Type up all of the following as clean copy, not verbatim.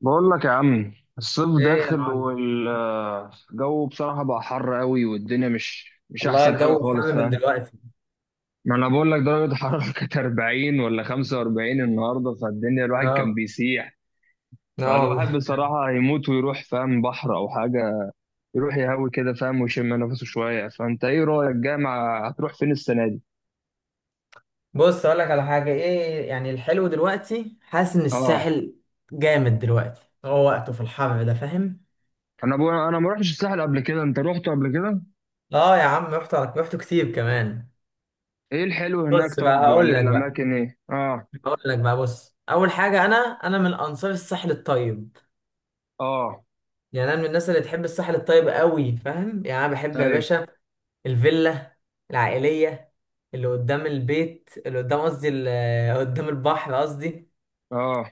بقول لك يا عم، الصيف ايه يا داخل معلم. والجو بصراحة بقى حر قوي. والدنيا مش والله أحسن حاجة الجو خالص، حامي من فاهم؟ دلوقتي. ما أنا بقول لك درجة الحرارة كانت 40 ولا 45 النهاردة، فالدنيا الواحد كان اه. بيسيح. اه فالواحد والله. بصراحة هيموت ويروح، فاهم، بحر أو حاجة. يروح يهوي كده، فاهم، ويشم نفسه شوية. فأنت إيه رأيك، جامعة هتروح فين السنة دي؟ بص اقول لك على حاجه، ايه يعني الحلو دلوقتي، حاسس ان آه. الساحل جامد دلوقتي، هو وقته في الحر ده فاهم. أنا بقول، أنا ما رحتش الساحل قبل كده، أنت رحت قبل كده؟ اه يا عم رحت كتير كمان. إيه الحلو هناك بص بقى طب، هقول ولا لك بقى، الأماكن إيه؟ آه. هقول لك بقى، بص اول حاجه انا من انصار الساحل الطيب، آه. يعني انا من الناس اللي تحب الساحل الطيب قوي فاهم، يعني انا بحب يا أيوه. باشا الفيلا العائليه اللي قدام البيت اللي قدام، قصدي قدام البحر قصدي، آه.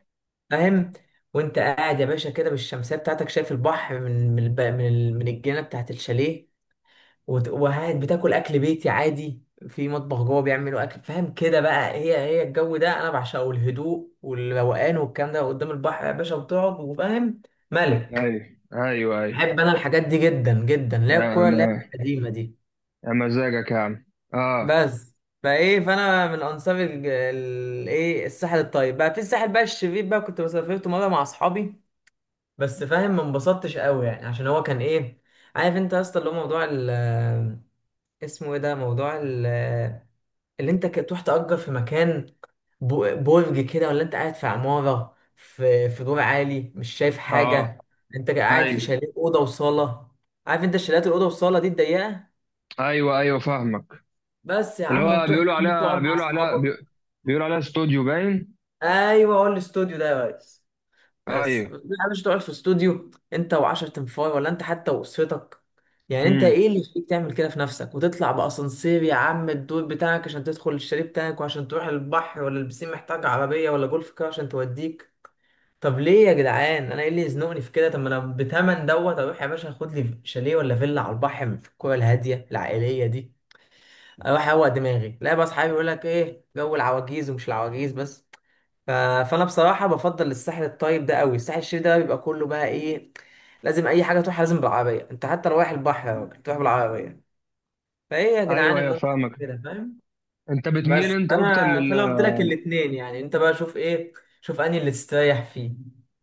فاهم. وانت قاعد يا باشا كده بالشمسيه بتاعتك، شايف البحر من من الجنه بتاعت الشاليه. وقاعد بتاكل اكل بيتي عادي، في مطبخ جوه بيعملوا اكل فاهم، كده بقى هي الجو ده انا بعشقه، الهدوء والروقان والكلام ده قدام البحر يا باشا، وتقعد وفاهم، ملك. ايوه، ايوه، ايوه. بحب انا الحاجات دي جدا جدا، اللي هي يا الكوره اللي هي ما. القديمه دي. يا مزاجك يا عم. اه، بس فايه، فانا من انصار الايه الساحل الطيب. بقى في الساحل بقى الشرير بقى، كنت مسافرت مره مع اصحابي بس فاهم، ما انبسطتش قوي يعني، عشان هو كان ايه، عارف انت يا اسطى اللي هو موضوع ال، اسمه ايه ده، موضوع ال، اللي انت تروح تأجر في مكان، برج كده، ولا انت قاعد في عمارة في دور عالي مش شايف اه. حاجة. انت قاعد في ايوه، شاليه أوضة وصالة، عارف انت شاليهات الأوضة والصالة دي الضيقة، ايوه، ايوه، فاهمك. بس يا اللي عم، هو وتروح يا عم تقعد مع أصحابك. بيقولوا عليها استوديو باين. أيوه هو الاستوديو ده يا ريس، ايوه. بس لا، مش تقعد في استوديو انت وعشر تنفاي، ولا انت حتى واسرتك. يعني انت امم، ايه اللي يخليك تعمل كده في نفسك، وتطلع باسانسير يا عم الدور بتاعك عشان تدخل الشاليه بتاعك، وعشان تروح البحر ولا البسين محتاج عربيه ولا جولف كار عشان توديك. طب ليه يا جدعان، انا ايه اللي يزنقني في كده؟ طب ما انا بتمن دوت اروح يا باشا، خد لي شاليه ولا فيلا على البحر في الكوره الهاديه العائليه دي، اروح اروق دماغي. لا بقى، اصحابي يقول لك ايه جو العواجيز، ومش العواجيز بس. ف- فانا بصراحه بفضل الساحل الطيب ده قوي. الساحل الشرير ده بيبقى كله بقى ايه، لازم اي حاجه تروح لازم بالعربيه، انت حتى رايح البحر يا راجل تروح بالعربيه، فايه يا جدعان ايوه، ايوه، الممتع في فاهمك. كده فاهم. انت بتميل بس انت اكتر انا لل فانا قلت لك الاثنين، يعني انت بقى شوف ايه، شوف انهي اللي تستريح فيه،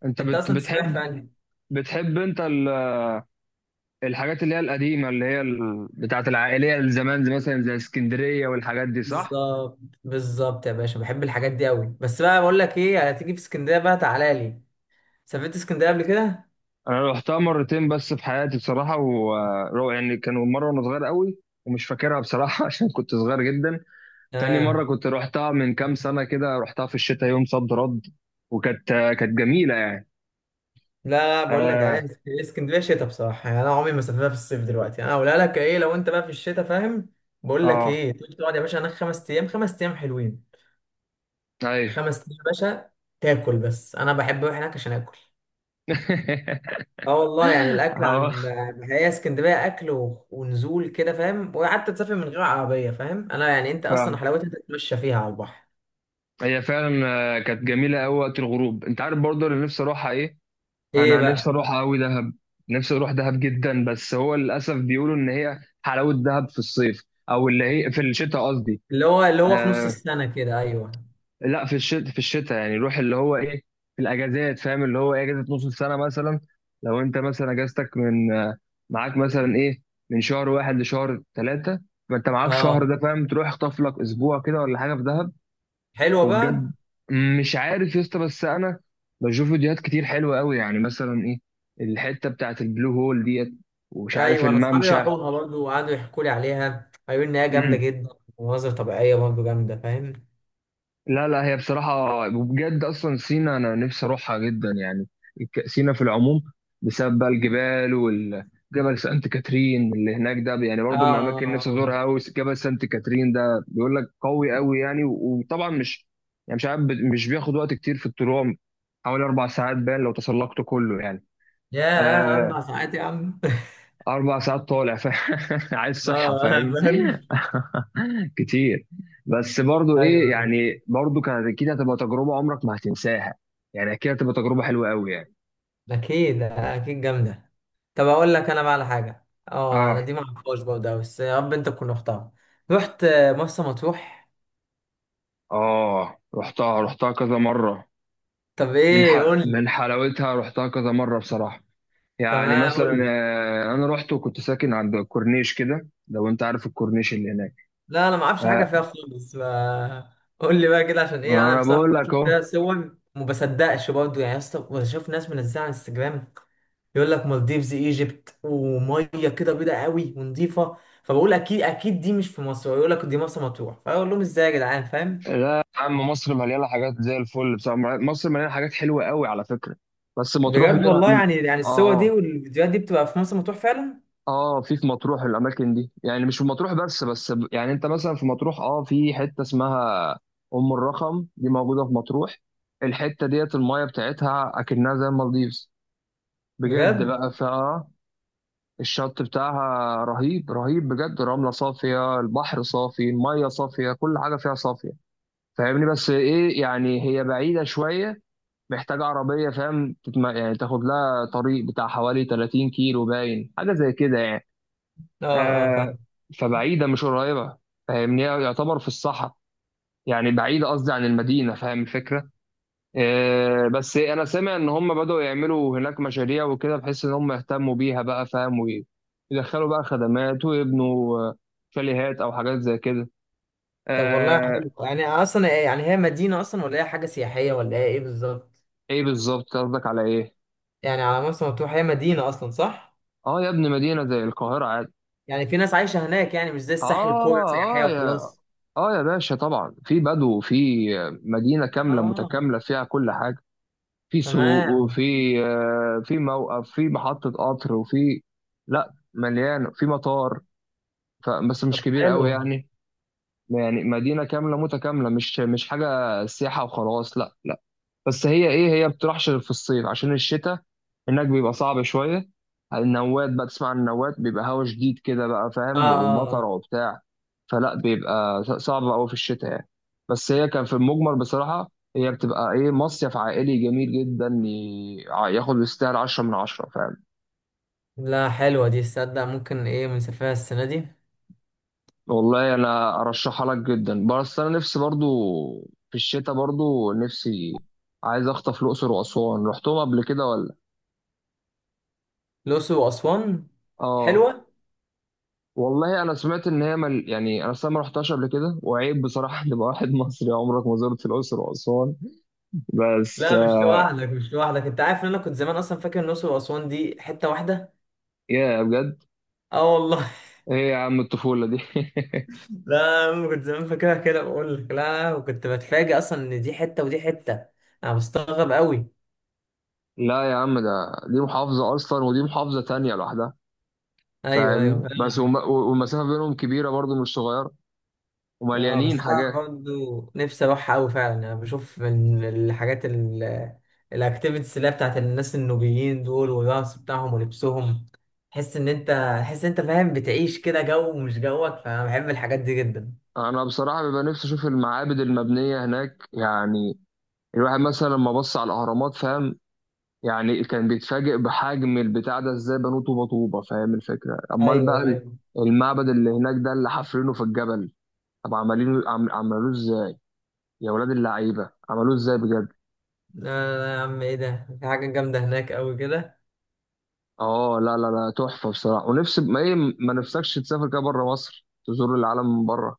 انت انت بت... اصلا تستريح في بتحب انهي. بتحب الحاجات اللي هي القديمه، اللي هي بتاعت العائليه الزمان، زي مثلا زي اسكندريه والحاجات دي، صح؟ بالظبط، بالظبط يا باشا، بحب الحاجات دي قوي. بس بقى بقول لك ايه، هتيجي في اسكندريه بقى، تعالى لي، سافرت اسكندريه قبل كده؟ انا رحتها مرتين بس في حياتي بصراحه، و يعني كانوا مره وانا صغير قوي ومش فاكرها بصراحه عشان كنت صغير جدا. تاني مره تمام. كنت رحتها من كام سنه كده، رحتها في الشتاء يوم صد رد، وكانت كانت جميله يعني. لا لا، بقول لك اه، انا اسكندريه شتاء بصراحه، يعني انا عمري ما سافرتها في الصيف، دلوقتي انا اقولها لك ايه، لو انت بقى في الشتاء فاهم، بقول لك اه، ايه، تيجي تقعد يا باشا هناك خمس ايام، خمس ايام حلوين، ايوه. خمس ايام يا باشا، تاكل. بس انا بحب اروح هناك عشان اكل، اه والله، يعني الاكل اه، عن، هي اسكندريه اكل ونزول كده فاهم، وحتى تسافر من غير عربيه فاهم، انا يعني انت اصلا فعلا. حلاوتها تتمشى فيها على البحر. هي فعلا. كانت جميله قوي وقت الغروب. انت عارف برضه اللي نفسي اروحها ايه؟ ايه انا نفسي بقى؟ اروحها قوي، دهب. نفسي اروح دهب جدا، بس هو للاسف بيقولوا ان هي حلاوه دهب في الصيف، او اللي هي في الشتاء قصدي. اللي هو اللي هو في نص آه، السنه كده، ايوه. لا، في الشتاء. في الشتاء يعني روح اللي هو ايه، في الاجازات، فاهم، اللي هو ايه، اجازه نص السنه مثلا. لو انت مثلا اجازتك من آه، معاك مثلا ايه من شهر واحد لشهر ثلاثه. فانت معاك شهر اه، ده، فاهم، تروح اخطف لك اسبوع كده ولا حاجه في دهب. حلوه وبجد بقى. مش عارف يا اسطى، بس انا بشوف فيديوهات كتير حلوه قوي، يعني مثلا ايه، الحته بتاعت البلو هول ديت، ومش عارف ايوه انا اصحابي الممشى. راحوها برضه، وقعدوا يحكوا لي عليها، قالوا لي ان هي جامده جدا، ومناظر طبيعيه برضه جامده فاهم. لا لا، هي بصراحة وبجد أصلا سينا، أنا نفسي أروحها جدا يعني. سينا في العموم، بسبب بقى الجبال، والجبل سانت كاترين اللي هناك ده. يعني اه برضو من اه، الأماكن اللي نفسي اه أزورها أوي جبل سانت كاترين ده، بيقول لك قوي أوي يعني. وطبعا مش، يعني مش عارف مش بياخد وقت كتير في الطلوع. حوالي 4 ساعات باين لو تسلقته كله يعني. يا آه، عم ساعات يا عم أربع ساعات طالع. عايز صحة، اه انا فاهم. فاهم. كتير. بس برضو ايه ايوه ايوه، يعني، برضو كانت اكيد هتبقى تجربه عمرك ما هتنساها. يعني اكيد هتبقى تجربه حلوه قوي يعني. اكيد اكيد جامده. طب اقول لك انا بقى على حاجه، اه انا اه. دي ما اعرفهاش برضه أوي، بس يا رب انت تكون رحتها، رحت مرسى مطروح؟ اه، رحتها كذا مره. طب من ايه، ح... قول لي، من حلاوتها رحتها كذا مره بصراحه. يعني تمام قول مثلا، لي، انا رحت وكنت ساكن عند الكورنيش كده، لو انت عارف الكورنيش اللي هناك. لا انا ما اعرفش حاجه آه، فيها خالص، ف قول لي بقى كده، عشان ايه ما انا انا بصراحه بقول لك بشوف اهو. فيها صور وما بصدقش برضه يعني، يا اسطى بشوف ناس منزلها على انستجرام، يقول لك مالديفز ايجيبت، وميه كده بيضه قوي ونظيفه، فبقول اكيد اكيد دي مش في مصر، يقول لك دي مرسى مطروح، فاقول لهم ازاي يا جدعان فاهم. لا يا عم، مصر مليانه حاجات زي الفل بصراحه. مصر مليانه حاجات حلوه قوي على فكره، بس مطروح بجد والله، منها. يعني يعني الصور دي اه. والفيديوهات دي بتبقى في مرسى مطروح فعلا؟ اه، في مطروح الاماكن دي، يعني مش في مطروح بس. بس يعني انت مثلا في مطروح، في حته اسمها ام الرخم دي، موجوده في مطروح. الحته ديت المايه بتاعتها اكنها زي المالديفز بجد. بجد. بقى فيها الشط بتاعها رهيب، رهيب بجد. رمله صافيه، البحر صافي، المايه صافيه، كل حاجه فيها صافيه، فاهمني؟ بس ايه يعني، هي بعيده شويه، محتاجه عربيه، فاهم. يعني تاخد لها طريق بتاع حوالي 30 كيلو باين، حاجه زي كده يعني. اه اه آه فاهم. فبعيدة مش قريبة، فاهمني، يعتبر في الصحراء. يعني بعيدة قصدي عن المدينة، فاهم الفكرة؟ بس أنا سامع إن هم بدأوا يعملوا هناك مشاريع وكده، بحيث إن هم يهتموا بيها بقى، فاهم، ويدخلوا بقى خدمات ويبنوا شاليهات أو حاجات زي كده. طب والله آه. حلو، يعني اصلا يعني هي مدينه اصلا، ولا هي حاجه سياحيه، ولا هي ايه بالظبط؟ إيه بالظبط قصدك، على إيه؟ يعني على مرسى مطروح، هي مدينه اصلا صح؟ آه يا ابني، مدينة زي القاهرة عادي. يعني في ناس عايشة هناك، يعني مش زي الساحل آه. كورة سياحية آه يا. وخلاص. آه يا باشا، طبعا في بدو، في مدينة كاملة اه. متكاملة فيها كل حاجة. في سوق، تمام. وفي في موقف، في محطة قطر، وفي، لا، مليانة، في مطار بس طب مش كبير قوي حلو. يعني. يعني مدينة كاملة متكاملة، مش حاجة سياحة وخلاص، لا. بس هي ايه، هي بتروحش غير في الصيف، عشان الشتاء هناك بيبقى صعب شويه. النوات بقى، تسمع عن النوات، بيبقى هوا شديد كده بقى، اه فاهم، اه ومطر اه. وبتاع. فلا بيبقى صعب قوي في الشتاء يعني. بس هي كان في المجمل بصراحه، هي بتبقى ايه، مصيف عائلي جميل جدا، ياخد يستاهل 10/10، فاهم. لا حلوة دي، تصدق ممكن ايه بنسافرها السنة دي. والله انا ارشحها لك جدا، بس انا نفسي برضو في الشتاء برضو نفسي عايز اخطف الاقصر واسوان. رحتهم قبل كده ولا؟ الأقصر وأسوان، اه حلوة. والله انا سمعت ان هي يعني انا أصلاً ما رحتهاش قبل كده، وعيب بصراحه ان يبقى واحد مصري عمرك ما زرت الاقصر واسوان. بس لا مش لوحدك، مش لوحدك، انت عارف ان انا كنت زمان اصلا فاكر ان الأقصر وأسوان دي حتة واحدة. يا بجد؟ اه والله. ايه يا عم الطفوله دي. لا أنا كنت زمان فاكرها كده، بقول لك لا، وكنت بتفاجئ اصلا ان دي حتة ودي حتة، انا بستغرب قوي. لا يا عم، ده، دي محافظه اصلا ودي محافظه تانية لوحدها، ايوه ايوه. فاهمني؟ بس والمسافه بينهم كبيره برضو، مش صغيره، اه بس ومليانين انا حاجات. برضو نفسي اروح قوي فعلا، يعني انا بشوف من الحاجات الاكتيفيتيز اللي هي بتاعت الناس النوبيين دول، والرقص بتاعهم ولبسهم، تحس ان انت، تحس ان انت فاهم، بتعيش كده جو مش جوك، فانا بحب الحاجات دي جدا. انا بصراحه بيبقى نفسي اشوف المعابد المبنيه هناك. يعني الواحد مثلا لما بص على الاهرامات، فاهم، يعني كان بيتفاجئ بحجم البتاع ده، ازاي بنوه طوبه طوبه، فاهم الفكره؟ امال بقى ايوه ايوه. المعبد اللي هناك ده اللي حافرينه في الجبل. طب عمالينه عملوه ازاي، يا ولاد اللعيبه، عملوه ازاي بجد. آه يا عم ايه ده، في حاجه جامده هناك قوي كده. اه، لا لا لا، تحفه بصراحه. ونفسي، ما ايه، ما نفسكش تسافر كده بره مصر، تزور العالم من بره.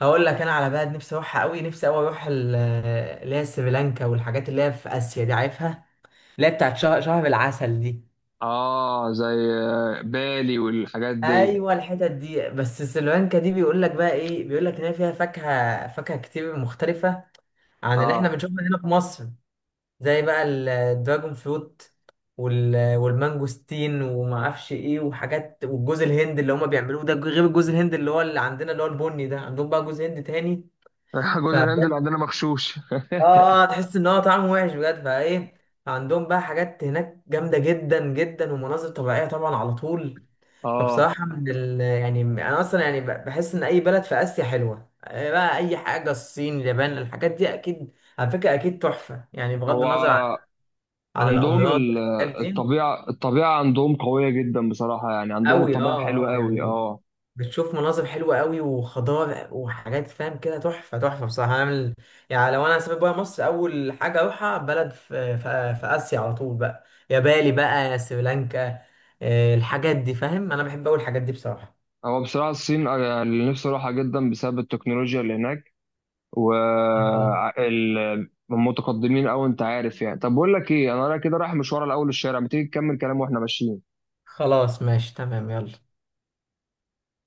هقول لك انا على بلد نفسي اروحها قوي، نفسي قوي اروح اللي هي سريلانكا، والحاجات اللي هي في اسيا دي عارفها، اللي هي بتاعت شهر العسل دي. اه، زي بالي والحاجات دي. ايوه الحتت دي، بس سلوانكا دي بيقول لك بقى ايه، بيقول لك ان هي فيها فاكهه كتير مختلفه عن اللي احنا اه. بنشوفها هنا في مصر، زي بقى الدراجون فروت، والمانجوستين وما اعرفش ايه وحاجات، والجوز الهند اللي هما بيعملوه ده غير الجوز الهند اللي هو اللي عندنا اللي هو البني ده، عندهم بقى جوز هند تاني. جوز الهند اللي فبجد، عندنا مغشوش. اه آه، تحس ان هو طعمه وحش بجد، فايه عندهم بقى حاجات هناك جامده جدا جدا، ومناظر طبيعيه طبعا على طول. اه. فبصراحة يعني أنا أصلا يعني بحس إن أي بلد في آسيا حلوة آه، بقى أي حاجة، الصين اليابان الحاجات دي أكيد، على فكرة أكيد تحفة يعني، بغض هو النظر عن، عن عندهم الأمراض والحاجات دي. الطبيعة، الطبيعة عندهم قوية جدا بصراحة. يعني عندهم أوي، الطبيعة أه حلوة أه قوي، يعني اه. بتشوف مناظر حلوة أوي، وخضار وحاجات فاهم كده، تحفة تحفة بصراحة. يعني لو أنا هسافر بره مصر، أول حاجة أروحها بلد في آسيا على طول بقى، يا بالي بقى يا سريلانكا، آه، الحاجات دي فاهم، أنا بحب أوي الحاجات دي بصراحة. هو بصراحة الصين أنا اللي نفسي أروحها جدا، بسبب التكنولوجيا اللي هناك، و متقدمين أوي، أنت عارف يعني. طب بقول لك إيه، أنا رايح كده رايح مشوار، الأول الشارع، ما تيجي تكمل كلام وإحنا ماشيين. خلاص ماشي تمام، يلا.